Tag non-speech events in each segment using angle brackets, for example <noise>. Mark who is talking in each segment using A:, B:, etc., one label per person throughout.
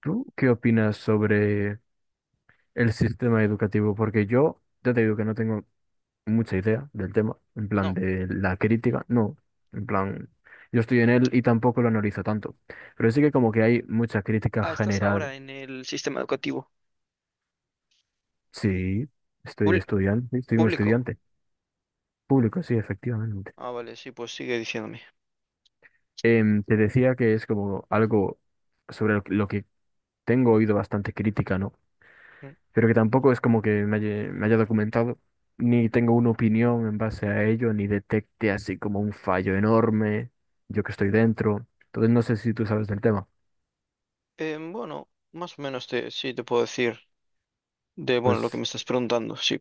A: ¿Tú qué opinas sobre el sistema educativo? Porque yo ya te digo que no tengo mucha idea del tema, en plan
B: No.
A: de la crítica, no, en plan, yo estoy en él y tampoco lo analizo tanto, pero sí que como que hay mucha crítica
B: Ah, estás
A: general.
B: ahora en el sistema educativo.
A: Sí, estoy
B: Pul-
A: estudiante, estoy un
B: Público.
A: estudiante público, sí, efectivamente.
B: Ah, vale, sí, pues sigue diciéndome.
A: Te decía que es como algo sobre lo que tengo oído bastante crítica, ¿no?
B: Mm.
A: Pero que tampoco es como que me haya documentado, ni tengo una opinión en base a ello, ni detecte así como un fallo enorme, yo que estoy dentro. Entonces no sé si tú sabes del tema.
B: Bueno, más o menos sí te puedo decir de, bueno, lo que me
A: Pues
B: estás preguntando, sí.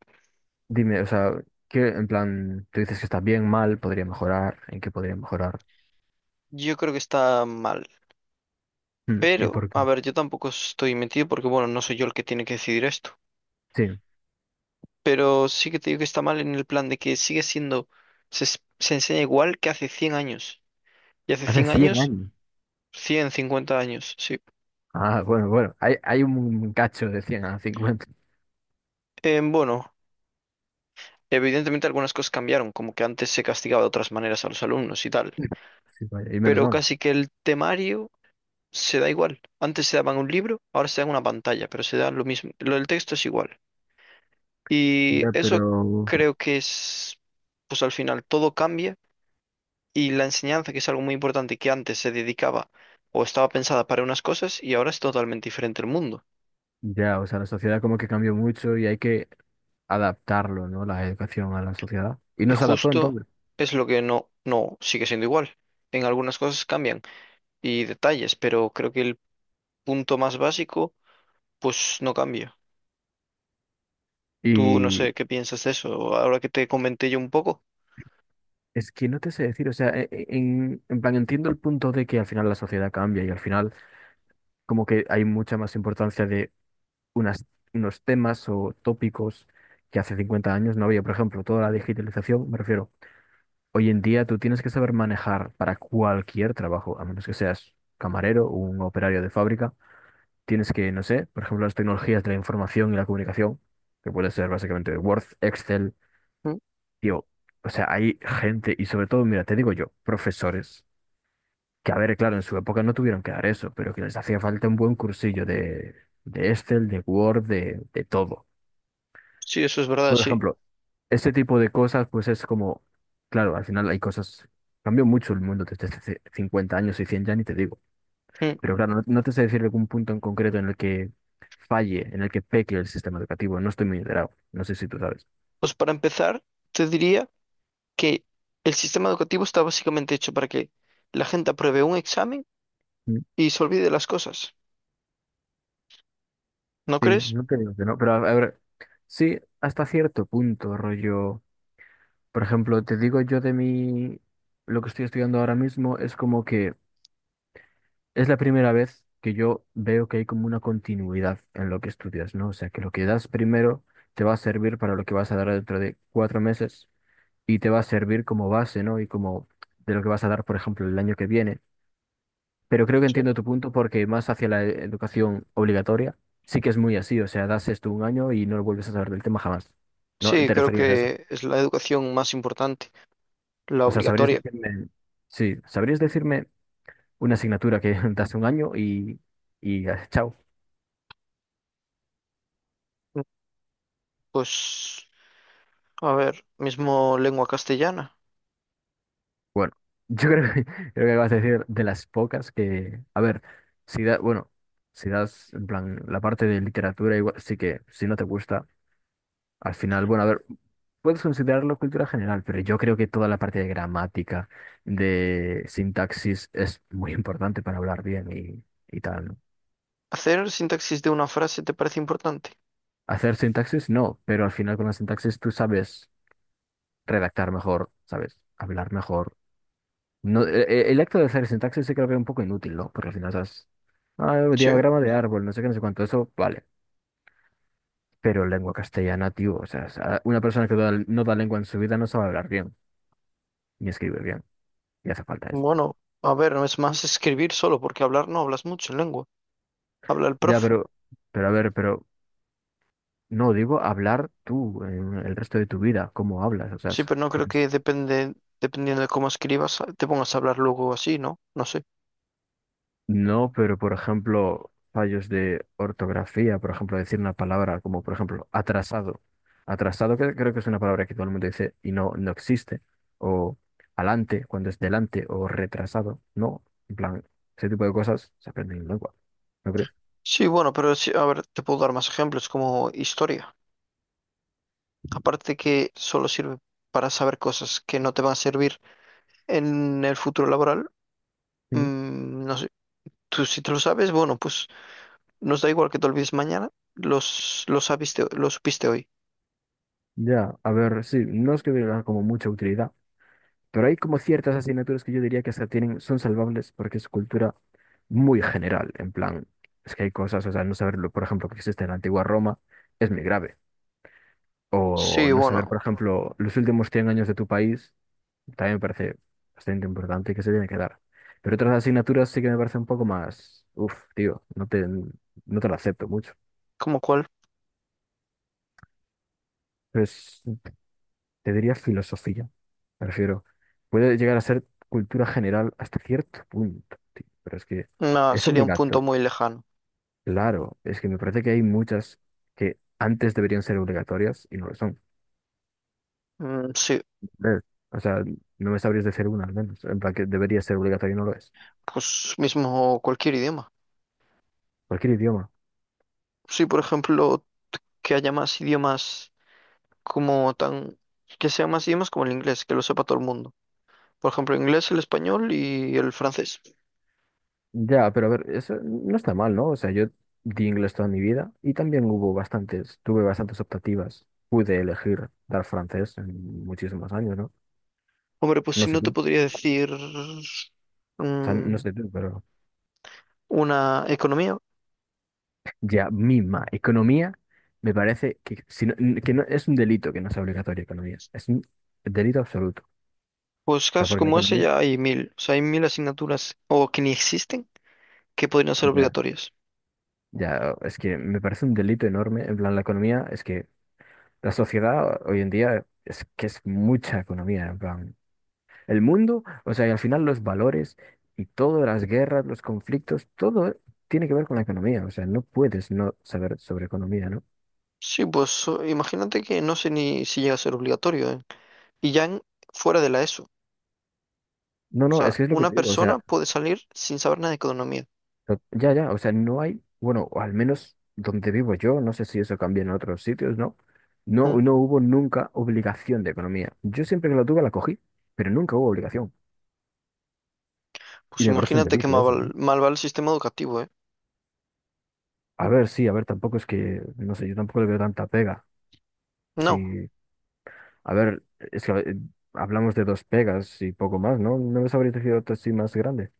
A: dime, o sea, ¿qué en plan, tú dices que está bien, mal, podría mejorar, en qué podría mejorar?
B: Yo creo que está mal.
A: Mm, ¿y
B: Pero,
A: por qué?
B: a ver, yo tampoco estoy metido porque, bueno, no soy yo el que tiene que decidir esto.
A: Sí,
B: Pero sí que te digo que está mal en el plan de que sigue siendo, se enseña igual que hace 100 años. Y hace
A: hace
B: 100
A: 100
B: años,
A: años.
B: 150 años, sí.
A: Ah, bueno, bueno, hay un cacho de 100 a 50.
B: Eh, bueno. Evidentemente algunas cosas cambiaron, como que antes se castigaba de otras maneras a los alumnos y tal,
A: Sí, vaya, y menos
B: pero
A: mal.
B: casi que el temario se da igual. Antes se daban un libro, ahora se dan una pantalla, pero se da lo mismo. Lo del texto es igual. Y
A: Ya,
B: eso
A: pero
B: creo que es, pues al final todo cambia y la enseñanza, que es algo muy importante, que antes se dedicaba o estaba pensada para unas cosas y ahora es totalmente diferente el mundo.
A: ya, o sea, la sociedad como que cambió mucho y hay que adaptarlo, ¿no? La educación a la sociedad. Y
B: Y
A: no se adaptó
B: justo
A: entonces.
B: es lo que no sigue siendo igual. En algunas cosas cambian y detalles, pero creo que el punto más básico, pues no cambia. Tú no
A: Y
B: sé qué piensas de eso, ahora que te comenté yo un poco.
A: es que no te sé decir, o sea, en plan entiendo el punto de que al final la sociedad cambia y al final como que hay mucha más importancia de unas, unos temas o tópicos que hace 50 años no había. Por ejemplo, toda la digitalización, me refiero, hoy en día tú tienes que saber manejar para cualquier trabajo, a menos que seas camarero o un operario de fábrica. Tienes que, no sé, por ejemplo, las tecnologías de la información y la comunicación, que puede ser básicamente Word, Excel.
B: Mm.
A: Tío, o sea, hay gente, y sobre todo, mira, te digo yo, profesores, que a ver, claro, en su época no tuvieron que dar eso, pero que les hacía falta un buen cursillo de Excel, de Word, de todo.
B: Sí, eso es verdad,
A: Por
B: sí.
A: ejemplo, este tipo de cosas, pues es como, claro, al final hay cosas, cambió mucho el mundo desde hace 50 años y 100 ya ni te digo,
B: Mm.
A: pero claro, no, no te sé decir algún punto en concreto en el que falle, en el que peque el sistema educativo, no estoy muy enterado, no sé si tú sabes.
B: Pues para empezar, te diría que el sistema educativo está básicamente hecho para que la gente apruebe un examen y se olvide de las cosas. ¿No
A: Sí,
B: crees?
A: no te digo que no, pero a ver, sí, hasta cierto punto, rollo. Por ejemplo, te digo yo de mi, lo que estoy estudiando ahora mismo es como que es la primera vez que yo veo que hay como una continuidad en lo que estudias, ¿no? O sea, que lo que das primero te va a servir para lo que vas a dar dentro de 4 meses y te va a servir como base, ¿no? Y como de lo que vas a dar, por ejemplo, el año que viene. Pero creo que
B: Sí.
A: entiendo tu punto porque más hacia la educación obligatoria, sí que es muy así. O sea, das esto un año y no vuelves a saber del tema jamás. ¿No?
B: Sí,
A: ¿Te
B: creo
A: referías a eso?
B: que es la educación más importante, la
A: O sea, ¿sabrías
B: obligatoria.
A: decirme, sí, sabrías decirme una asignatura que <laughs> das un año y, y chao?
B: Mm. Pues, a ver, mismo lengua castellana.
A: Bueno, <laughs> yo creo que, <laughs> creo que acabas de decir de las pocas que, a ver, si da, bueno, si das, en plan, la parte de literatura, igual, sí que si no te gusta. Al final, bueno, a ver, puedes considerarlo cultura general, pero yo creo que toda la parte de gramática, de sintaxis, es muy <laughs> importante para hablar bien y tal, ¿no?
B: ¿Hacer sintaxis de una frase te parece importante?
A: Hacer sintaxis, no, pero al final con la sintaxis tú sabes redactar mejor, sabes hablar mejor. No, el acto de hacer sintaxis sí creo que es un poco inútil, ¿no? Porque al final sabes,
B: Sí.
A: diagrama de árbol, no sé qué, no sé cuánto, eso, vale. Pero lengua castellana, tío, o sea, una persona que no da lengua en su vida no sabe hablar bien ni escribir bien, y hace falta eso.
B: Bueno, a ver, no es más escribir solo, porque hablar no hablas mucho en lengua. Habla el
A: Ya,
B: profe.
A: pero a ver, pero no, digo hablar tú en el resto de tu vida, cómo hablas, o sea,
B: Sí, pero no creo que dependiendo de cómo escribas, te pongas a hablar luego así, ¿no? No sé.
A: no, pero por ejemplo, fallos de ortografía, por ejemplo, decir una palabra como, por ejemplo, atrasado. Atrasado que creo que es una palabra que todo el mundo dice y no, no existe. O alante, cuando es delante, o retrasado, no. En plan, ese tipo de cosas se aprenden en lengua, ¿no crees?
B: Sí, bueno, pero sí, a ver, te puedo dar más ejemplos como historia. Aparte que solo sirve para saber cosas que no te van a servir en el futuro laboral,
A: Mm,
B: mm, no sé. Tú si te lo sabes, bueno, pues nos da igual que te olvides mañana, los sabiste, lo supiste hoy.
A: ya, a ver, sí, no es que tenga como mucha utilidad. Pero hay como ciertas asignaturas que yo diría que hasta tienen, son salvables porque es cultura muy general. En plan, es que hay cosas, o sea, no saberlo, por ejemplo, que existe en la antigua Roma es muy grave. O
B: Sí,
A: no saber,
B: bueno,
A: por ejemplo, los últimos 100 años de tu país también me parece bastante importante y que se tiene que dar. Pero otras asignaturas sí que me parece un poco más, uff, tío, no te, no te lo acepto mucho.
B: ¿como cuál?
A: Pues te diría filosofía. Me refiero, puede llegar a ser cultura general hasta cierto punto, tío, pero es que
B: Nah,
A: es
B: sería un punto
A: obligatorio.
B: muy lejano.
A: Claro, es que me parece que hay muchas que antes deberían ser obligatorias y no lo son.
B: Mm, sí,
A: ¿Ves? O sea, no me sabrías decir una al menos, en plan que debería ser obligatorio y no lo es.
B: pues mismo cualquier idioma.
A: Cualquier idioma.
B: Sí, por ejemplo, que haya más idiomas como tan... que sean más idiomas como el inglés, que lo sepa todo el mundo. Por ejemplo, inglés, el español y el francés.
A: Ya, pero a ver, eso no está mal, ¿no? O sea, yo di inglés toda mi vida y también hubo bastantes, tuve bastantes optativas. Pude elegir dar francés en muchísimos años, ¿no?
B: Hombre, pues
A: No
B: si
A: sé
B: no
A: tú,
B: te
A: o
B: podría decir
A: sea, no
B: mm,
A: sé tú, pero...
B: una economía,
A: Ya, misma. Economía me parece que, que no, es un delito que no sea obligatorio economía. Es un delito absoluto.
B: pues
A: O sea,
B: casos
A: porque la
B: como ese
A: economía,
B: ya hay mil. O sea, hay mil asignaturas o que ni existen que podrían ser
A: ya,
B: obligatorias.
A: ya, es que me parece un delito enorme. En plan, la economía es que la sociedad hoy en día es que es mucha economía. En plan, el mundo, o sea, y al final los valores y todas las guerras, los conflictos, todo tiene que ver con la economía. O sea, no puedes no saber sobre economía, ¿no?
B: Sí, pues imagínate que no sé ni si llega a ser obligatorio, ¿eh? Y ya fuera de la ESO.
A: No,
B: O
A: no,
B: sea,
A: es que es lo que
B: una
A: te digo. O sea,
B: persona puede salir sin saber nada de economía.
A: Ya, ya, o sea, no hay, bueno, o al menos donde vivo yo, no sé si eso cambia en otros sitios, ¿no? No,
B: Mm.
A: no hubo nunca obligación de economía. Yo siempre que la tuve la cogí, pero nunca hubo obligación. Y
B: Pues
A: me parece un
B: imagínate que
A: delito
B: mal,
A: eso, ¿eh?
B: mal va el sistema educativo, ¿eh?
A: A ver, sí, a ver, tampoco es que, no sé, yo tampoco le veo tanta pega.
B: No.
A: Sí, a ver, es que hablamos de dos pegas y poco más, ¿no? No les habría tejido otra así más grande,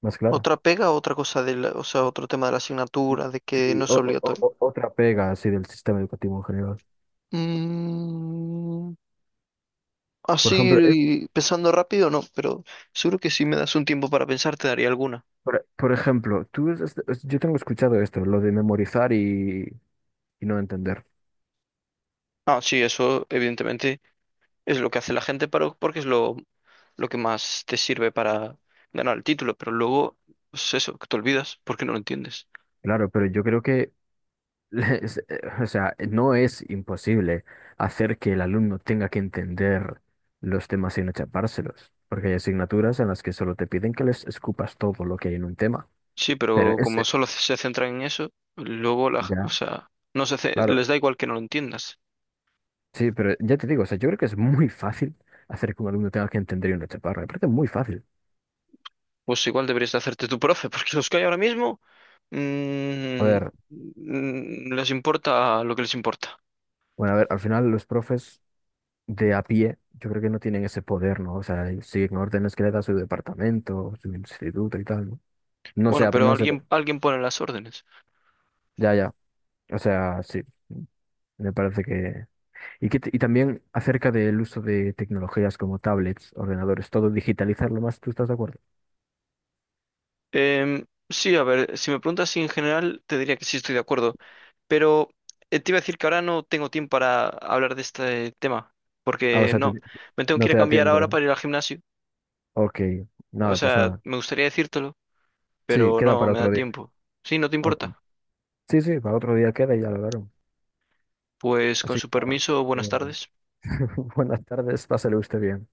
A: más clara.
B: Otra pega, otra cosa o sea, otro tema de la asignatura, de que
A: Sí,
B: no es obligatorio.
A: otra pega así del sistema educativo en general.
B: Mm,
A: Por ejemplo.
B: así pensando rápido, no, pero seguro que si me das un tiempo para pensar te daría alguna.
A: Por ejemplo, tú, yo tengo escuchado esto, lo de memorizar y no entender.
B: Ah, sí, eso evidentemente es lo que hace la gente para, porque es lo que más te sirve para ganar el título, pero luego, pues eso, que te olvidas porque no lo entiendes.
A: Claro, pero yo creo que, <laughs> o sea, no es imposible hacer que el alumno tenga que entender los temas sin achapárselos, porque hay asignaturas en las que solo te piden que les escupas todo lo que hay en un tema.
B: Sí,
A: Pero
B: pero como solo se centran en eso, luego o
A: ya,
B: sea, no se, ce-
A: claro,
B: les da igual que no lo entiendas.
A: sí, pero ya te digo, o sea, yo creo que es muy fácil hacer que un alumno tenga que entender y no achaparra. Me parece muy fácil.
B: Pues igual deberías de hacerte tu profe, <laughs> porque los que hay ahora mismo
A: A
B: mm,
A: ver,
B: les importa lo que les importa.
A: bueno, a ver, al final los profes de a pie, yo creo que no tienen ese poder, ¿no? O sea, ellos siguen órdenes que le da su departamento, su instituto y tal, ¿no? No
B: Bueno,
A: sé, pero
B: pero
A: no sé.
B: alguien pone las órdenes.
A: Ya, ya. O sea, sí, me parece que... Y, y también acerca del uso de tecnologías como tablets, ordenadores, todo digitalizarlo más, ¿tú estás de acuerdo?
B: Sí, a ver, si me preguntas si en general, te diría que sí estoy de acuerdo, pero te iba a decir que ahora no tengo tiempo para hablar de este tema,
A: Ah, o
B: porque
A: sea,
B: no, me tengo que
A: no
B: ir a
A: te da
B: cambiar
A: tiempo,
B: ahora
A: ¿verdad?
B: para ir al gimnasio.
A: Ok,
B: O
A: nada, pues
B: sea,
A: nada.
B: me gustaría decírtelo,
A: Sí,
B: pero
A: queda
B: no
A: para
B: me da
A: otro día.
B: tiempo. Sí, no te
A: Ok.
B: importa.
A: Sí, sí, para otro día queda y ya lo hablaron.
B: Pues con
A: Así que
B: su
A: nada.
B: permiso, buenas
A: eh,
B: tardes.
A: <laughs> buenas tardes, pásale usted bien.